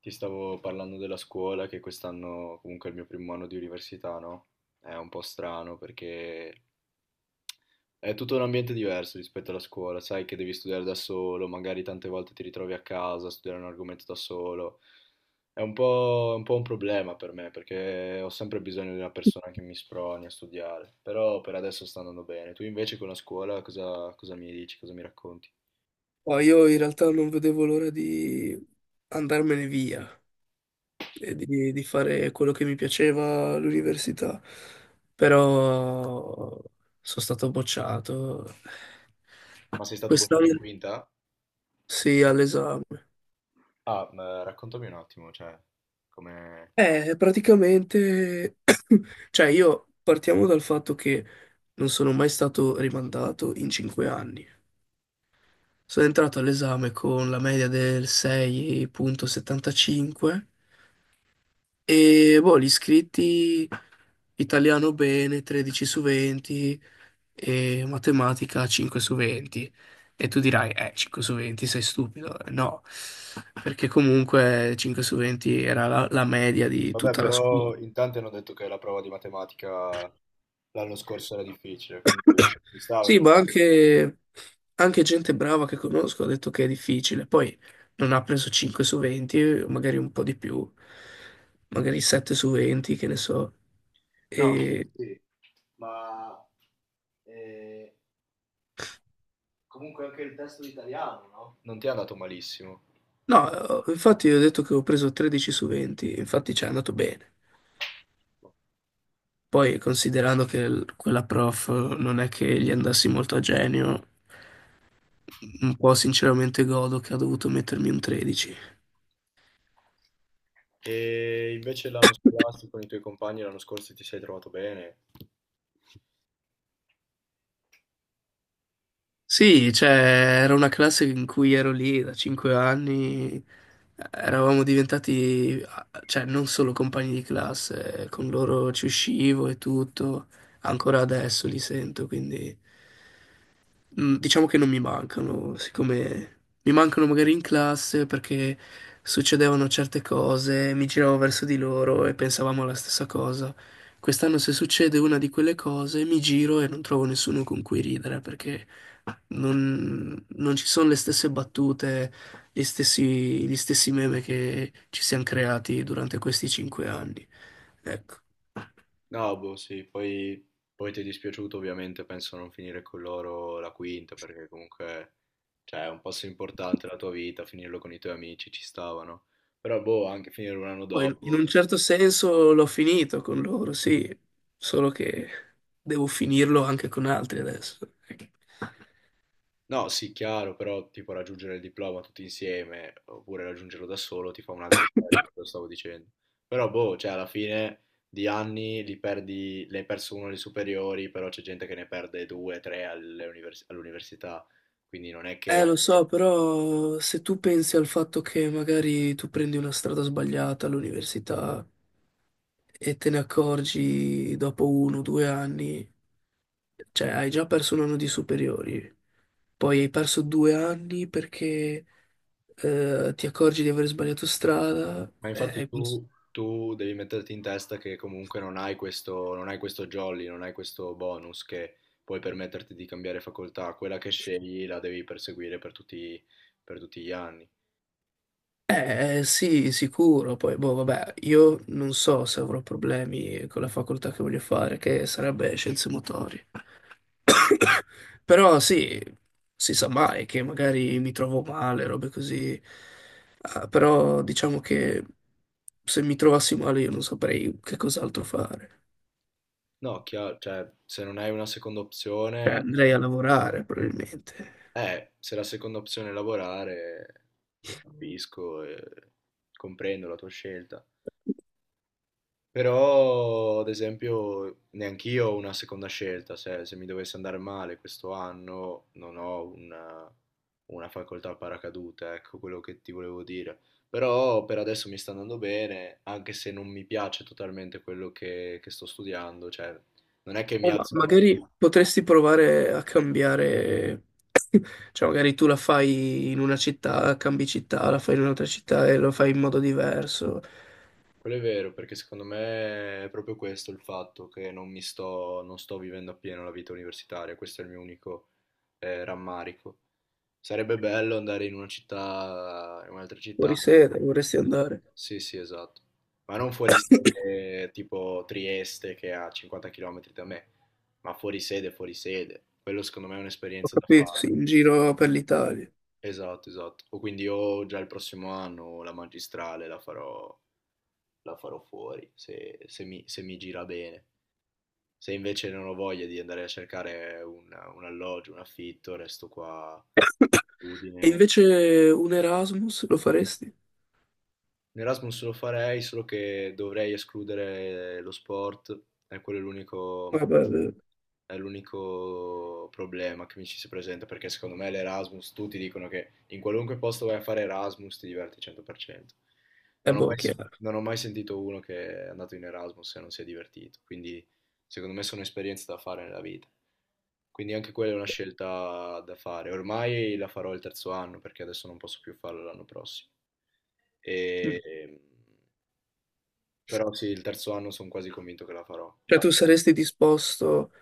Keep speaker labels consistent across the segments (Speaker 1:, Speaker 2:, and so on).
Speaker 1: Ti stavo parlando della scuola, che quest'anno comunque è il mio primo anno di università, no? È un po' strano perché è tutto un ambiente diverso rispetto alla scuola, sai che devi studiare da solo, magari tante volte ti ritrovi a casa a studiare un argomento da solo. È un po' un problema per me perché ho sempre bisogno di una persona che mi sproni a studiare, però per adesso sta andando bene. Tu invece con la scuola cosa mi dici, cosa mi racconti?
Speaker 2: No, io in realtà non vedevo l'ora di andarmene via e di fare quello che mi piaceva all'università, però sono stato bocciato.
Speaker 1: Ma sei stato bocciato in
Speaker 2: Quest'anno
Speaker 1: quinta?
Speaker 2: sì, all'esame.
Speaker 1: Ah, ma raccontami un attimo, cioè, come...
Speaker 2: Praticamente, cioè io partiamo dal fatto che non sono mai stato rimandato in 5 anni. Sono entrato all'esame con la media del 6,75. E boh, gli iscritti italiano bene, 13 su 20 e matematica 5 su 20. E tu dirai, 5 su 20 sei stupido. No, perché comunque 5 su 20 era la media di
Speaker 1: Vabbè,
Speaker 2: tutta la scuola.
Speaker 1: però in tanti hanno detto che la prova di matematica l'anno scorso era difficile, quindi ci sta
Speaker 2: Sì,
Speaker 1: aver-
Speaker 2: ma anche gente brava che conosco ha detto che è difficile. Poi non ha preso 5 su 20, magari un po' di più, magari 7 su 20, che ne so.
Speaker 1: No,
Speaker 2: E
Speaker 1: sì, ma eh, comunque anche il testo di italiano, no? Non ti è andato malissimo.
Speaker 2: no, infatti io ho detto che ho preso 13 su 20, infatti ci è andato bene. Poi considerando che quella prof non è che gli andassi molto a genio, un po' sinceramente godo che ha dovuto mettermi un 13.
Speaker 1: E invece l'anno scolastico con i tuoi compagni l'anno scorso ti sei trovato bene?
Speaker 2: Sì, cioè era una classe in cui ero lì da 5 anni, eravamo diventati, cioè non solo compagni di classe, con loro ci uscivo e tutto, ancora adesso li sento, quindi. Diciamo che non mi mancano, siccome mi mancano magari in classe perché succedevano certe cose, mi giravo verso di loro e pensavamo alla stessa cosa. Quest'anno se succede una di quelle cose, mi giro e non trovo nessuno con cui ridere perché non ci sono le stesse battute, gli stessi, gli stessi meme che ci siamo creati durante questi 5 anni. Ecco.
Speaker 1: No, boh, sì, poi ti è dispiaciuto ovviamente, penso non finire con loro la quinta, perché comunque, cioè, è un passo importante della tua vita, finirlo con i tuoi amici ci stavano. Però, boh, anche finire un anno
Speaker 2: Poi in un
Speaker 1: dopo.
Speaker 2: certo senso l'ho finito con loro, sì, solo che devo finirlo anche con altri adesso.
Speaker 1: No, sì, chiaro, però tipo raggiungere il diploma tutti insieme, oppure raggiungerlo da solo, ti fa un altro effetto, quello stavo dicendo. Però, boh, cioè, alla fine di anni li perdi, ne hai perso uno alle superiori, però c'è gente che ne perde due, tre all'università, quindi non è che...
Speaker 2: Lo so, però se tu pensi al fatto che magari tu prendi una strada sbagliata all'università e te ne accorgi dopo 1 o 2 anni, cioè hai già perso un anno di superiori, poi hai perso 2 anni perché ti accorgi di aver sbagliato strada,
Speaker 1: Ma infatti
Speaker 2: hai perso.
Speaker 1: tu devi metterti in testa che comunque non hai questo, non hai questo jolly, non hai questo bonus che puoi permetterti di cambiare facoltà. Quella che scegli la devi perseguire per tutti gli anni.
Speaker 2: Eh sì, sicuro, poi boh, vabbè, io non so se avrò problemi con la facoltà che voglio fare, che sarebbe scienze motorie.
Speaker 1: No,
Speaker 2: Però sì, si sa mai che magari mi trovo male, robe così. Ah, però diciamo che se mi trovassi male io non saprei che cos'altro fare.
Speaker 1: No, chiaro, cioè, se non hai una seconda
Speaker 2: Cioè,
Speaker 1: opzione,
Speaker 2: andrei a lavorare probabilmente.
Speaker 1: se la seconda opzione è lavorare, capisco e comprendo la tua scelta. Però, ad esempio, neanch'io ho una seconda scelta, se mi dovesse andare male questo anno non ho una facoltà a paracadute, ecco quello che ti volevo dire. Però per adesso mi sta andando bene, anche se non mi piace totalmente quello che sto studiando, cioè non è che mi
Speaker 2: O
Speaker 1: alzo la
Speaker 2: magari
Speaker 1: mattina.
Speaker 2: potresti provare a cambiare. Cioè, magari tu la fai in una città, cambi città, la fai in un'altra città e lo fai in modo diverso.
Speaker 1: Quello è vero, perché secondo me è proprio questo il fatto che non sto vivendo appieno la vita universitaria, questo è il mio unico rammarico. Sarebbe bello andare in una città, in un'altra città.
Speaker 2: Fuori sede, vorresti andare.
Speaker 1: Sì, sì, esatto. Ma non fuori sede tipo Trieste che è a 50 km da me, ma fuori sede, fuori sede. Quello secondo me è
Speaker 2: Ho
Speaker 1: un'esperienza da
Speaker 2: capito, sì,
Speaker 1: fare.
Speaker 2: in giro per l'Italia.
Speaker 1: Esatto, esatto. O quindi o già il prossimo anno la magistrale la farò fuori, se mi gira bene. Se invece non ho voglia di andare a cercare un alloggio, un affitto, resto qua a
Speaker 2: E
Speaker 1: Udine.
Speaker 2: invece un Erasmus lo faresti?
Speaker 1: L'Erasmus lo farei, solo che dovrei escludere lo sport, e quello
Speaker 2: Vabbè,
Speaker 1: è l'unico problema che mi ci si presenta perché secondo me l'Erasmus, tutti dicono che in qualunque posto vai a fare Erasmus ti diverti 100%.
Speaker 2: è
Speaker 1: Non ho
Speaker 2: boh,
Speaker 1: mai,
Speaker 2: chiaro.
Speaker 1: non ho mai sentito uno che è andato in Erasmus e non si è divertito, quindi secondo me sono esperienze da fare nella vita. Quindi anche quella è una scelta da fare. Ormai la farò il terzo anno perché adesso non posso più farlo l'anno prossimo.
Speaker 2: Mm.
Speaker 1: E- Però sì, il terzo anno sono quasi convinto che la farò.
Speaker 2: Cioè, tu saresti disposto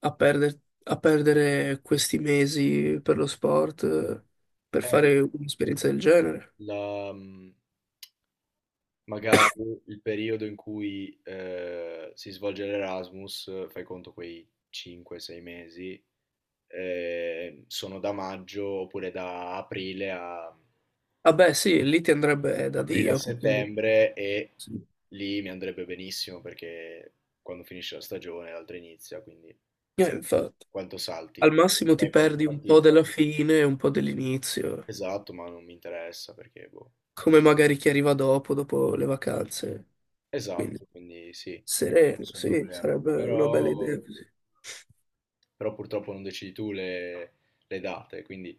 Speaker 2: a perdere questi mesi per lo sport, per
Speaker 1: Eh,
Speaker 2: fare un'esperienza del genere?
Speaker 1: la- mhmm, Magari il periodo in cui si svolge l'Erasmus, fai conto quei 5-6 mesi, sono da maggio oppure
Speaker 2: Vabbè, sì, lì ti andrebbe da
Speaker 1: aprile a
Speaker 2: Dio, perché.
Speaker 1: settembre, e
Speaker 2: Sì.
Speaker 1: lì mi andrebbe benissimo perché quando finisce la stagione l'altra inizia, quindi sì,
Speaker 2: Infatti.
Speaker 1: quanto salti?
Speaker 2: Al massimo ti
Speaker 1: 3-4
Speaker 2: perdi un po'
Speaker 1: partite.
Speaker 2: della fine e un po' dell'inizio,
Speaker 1: Esatto, ma non mi interessa perché, boh.
Speaker 2: come magari chi arriva dopo le vacanze. Quindi
Speaker 1: Esatto, quindi sì, non c'è
Speaker 2: sereno,
Speaker 1: nessun
Speaker 2: sì,
Speaker 1: problema.
Speaker 2: sarebbe una bella
Speaker 1: Però
Speaker 2: idea così.
Speaker 1: purtroppo non decidi tu le date, quindi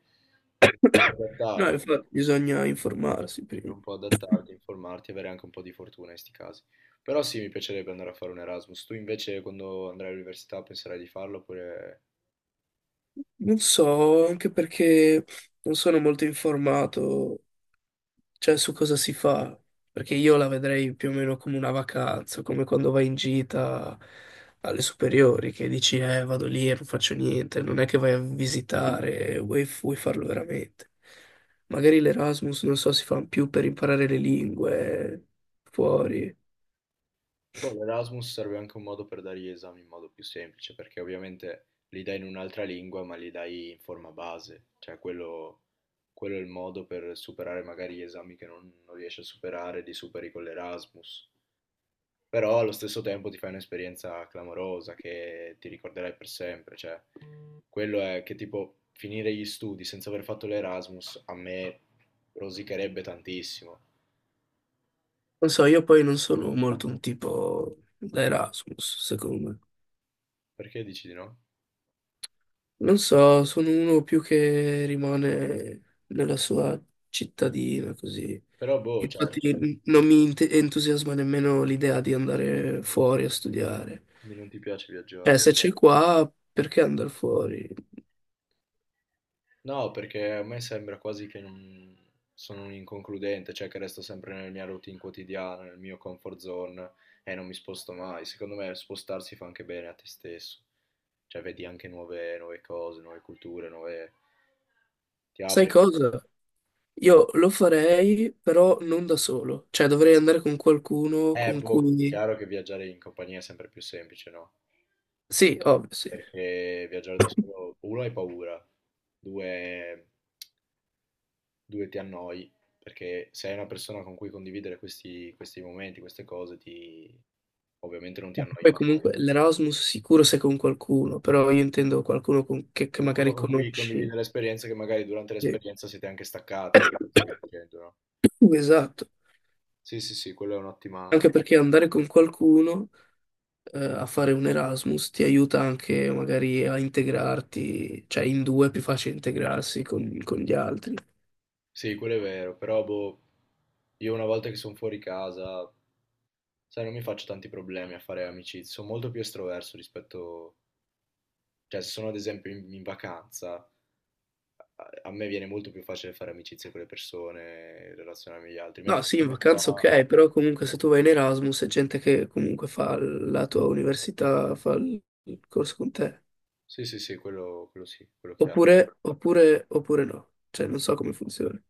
Speaker 1: devi un po'
Speaker 2: No,
Speaker 1: adattarti,
Speaker 2: infatti bisogna informarsi
Speaker 1: devi
Speaker 2: prima.
Speaker 1: un po' adattarti, informarti e avere anche un po' di fortuna in questi casi. Però sì, mi piacerebbe andare a fare un Erasmus. Tu invece quando andrai all'università penserai di farlo oppure...
Speaker 2: Non so, anche perché non sono molto informato, cioè su cosa si fa, perché io la vedrei più o meno come una vacanza, come quando vai in gita alle superiori, che dici, vado lì e non faccio niente, non è che vai a visitare, vuoi farlo veramente. Magari l'Erasmus, non so, si fa più per imparare le lingue fuori.
Speaker 1: Boh, l'Erasmus serve anche un modo per dare gli esami in modo più semplice, perché ovviamente li dai in un'altra lingua, ma li dai in forma base, cioè quello è il modo per superare magari gli esami che non riesci a superare, li superi con l'Erasmus. Però allo stesso tempo ti fai un'esperienza clamorosa che ti ricorderai per sempre, cioè quello è che tipo finire gli studi senza aver fatto l'Erasmus a me rosicherebbe tantissimo.
Speaker 2: Non so, io poi non sono molto un tipo da Erasmus, secondo me.
Speaker 1: Perché dici di no?
Speaker 2: Non so, sono uno più che rimane nella sua cittadina, così.
Speaker 1: Però boh,
Speaker 2: Infatti
Speaker 1: certo,
Speaker 2: non mi entusiasma nemmeno l'idea di andare fuori a studiare.
Speaker 1: quindi non ti piace
Speaker 2: Cioè,
Speaker 1: viaggiare.
Speaker 2: se c'è qua, perché andare fuori?
Speaker 1: No, perché a me sembra quasi che non- sono un inconcludente, cioè che resto sempre nella mia routine quotidiana, nel mio comfort zone e non mi sposto mai. Secondo me spostarsi fa anche bene a te stesso, cioè vedi anche nuove cose, nuove culture, nuove... ti
Speaker 2: Sai
Speaker 1: apri.
Speaker 2: cosa? Io lo farei, però non da solo. Cioè, dovrei andare con qualcuno con
Speaker 1: Boh,
Speaker 2: cui.
Speaker 1: chiaro che viaggiare in compagnia è sempre più semplice, no?
Speaker 2: Sì, ovvio, sì.
Speaker 1: Perché viaggiare da solo, uno hai paura, due ti annoi, perché se hai una persona con cui condividere questi momenti, queste cose, ti, ovviamente non ti annoi
Speaker 2: Poi
Speaker 1: mai.
Speaker 2: comunque l'Erasmus sicuro se con qualcuno, però io intendo qualcuno che
Speaker 1: Qualcuno
Speaker 2: magari
Speaker 1: con cui condividere
Speaker 2: conosci.
Speaker 1: l'esperienza che magari durante
Speaker 2: Sì.
Speaker 1: l'esperienza siete anche staccati, quello che stavi dicendo, no?
Speaker 2: Esatto.
Speaker 1: Sì, sì, sì, quello è un'ottima...
Speaker 2: Anche perché andare con qualcuno, a fare un Erasmus ti aiuta anche magari a integrarti, cioè in due è più facile integrarsi con gli altri.
Speaker 1: Sì, quello è vero, però boh, io una volta che sono fuori casa, sai, non mi faccio tanti problemi a fare amicizie, sono molto più estroverso rispetto... Cioè, se sono ad esempio in vacanza, a me viene molto più facile fare amicizie con le persone, relazionarmi agli altri,
Speaker 2: No,
Speaker 1: mentre
Speaker 2: sì, in
Speaker 1: sono
Speaker 2: vacanza
Speaker 1: qua...
Speaker 2: ok, però comunque se tu vai in Erasmus è gente che comunque fa la tua università, fa il corso con te.
Speaker 1: Sì, sì, sì, quello sì, quello chiaro.
Speaker 2: Oppure no. Cioè, non so come funziona.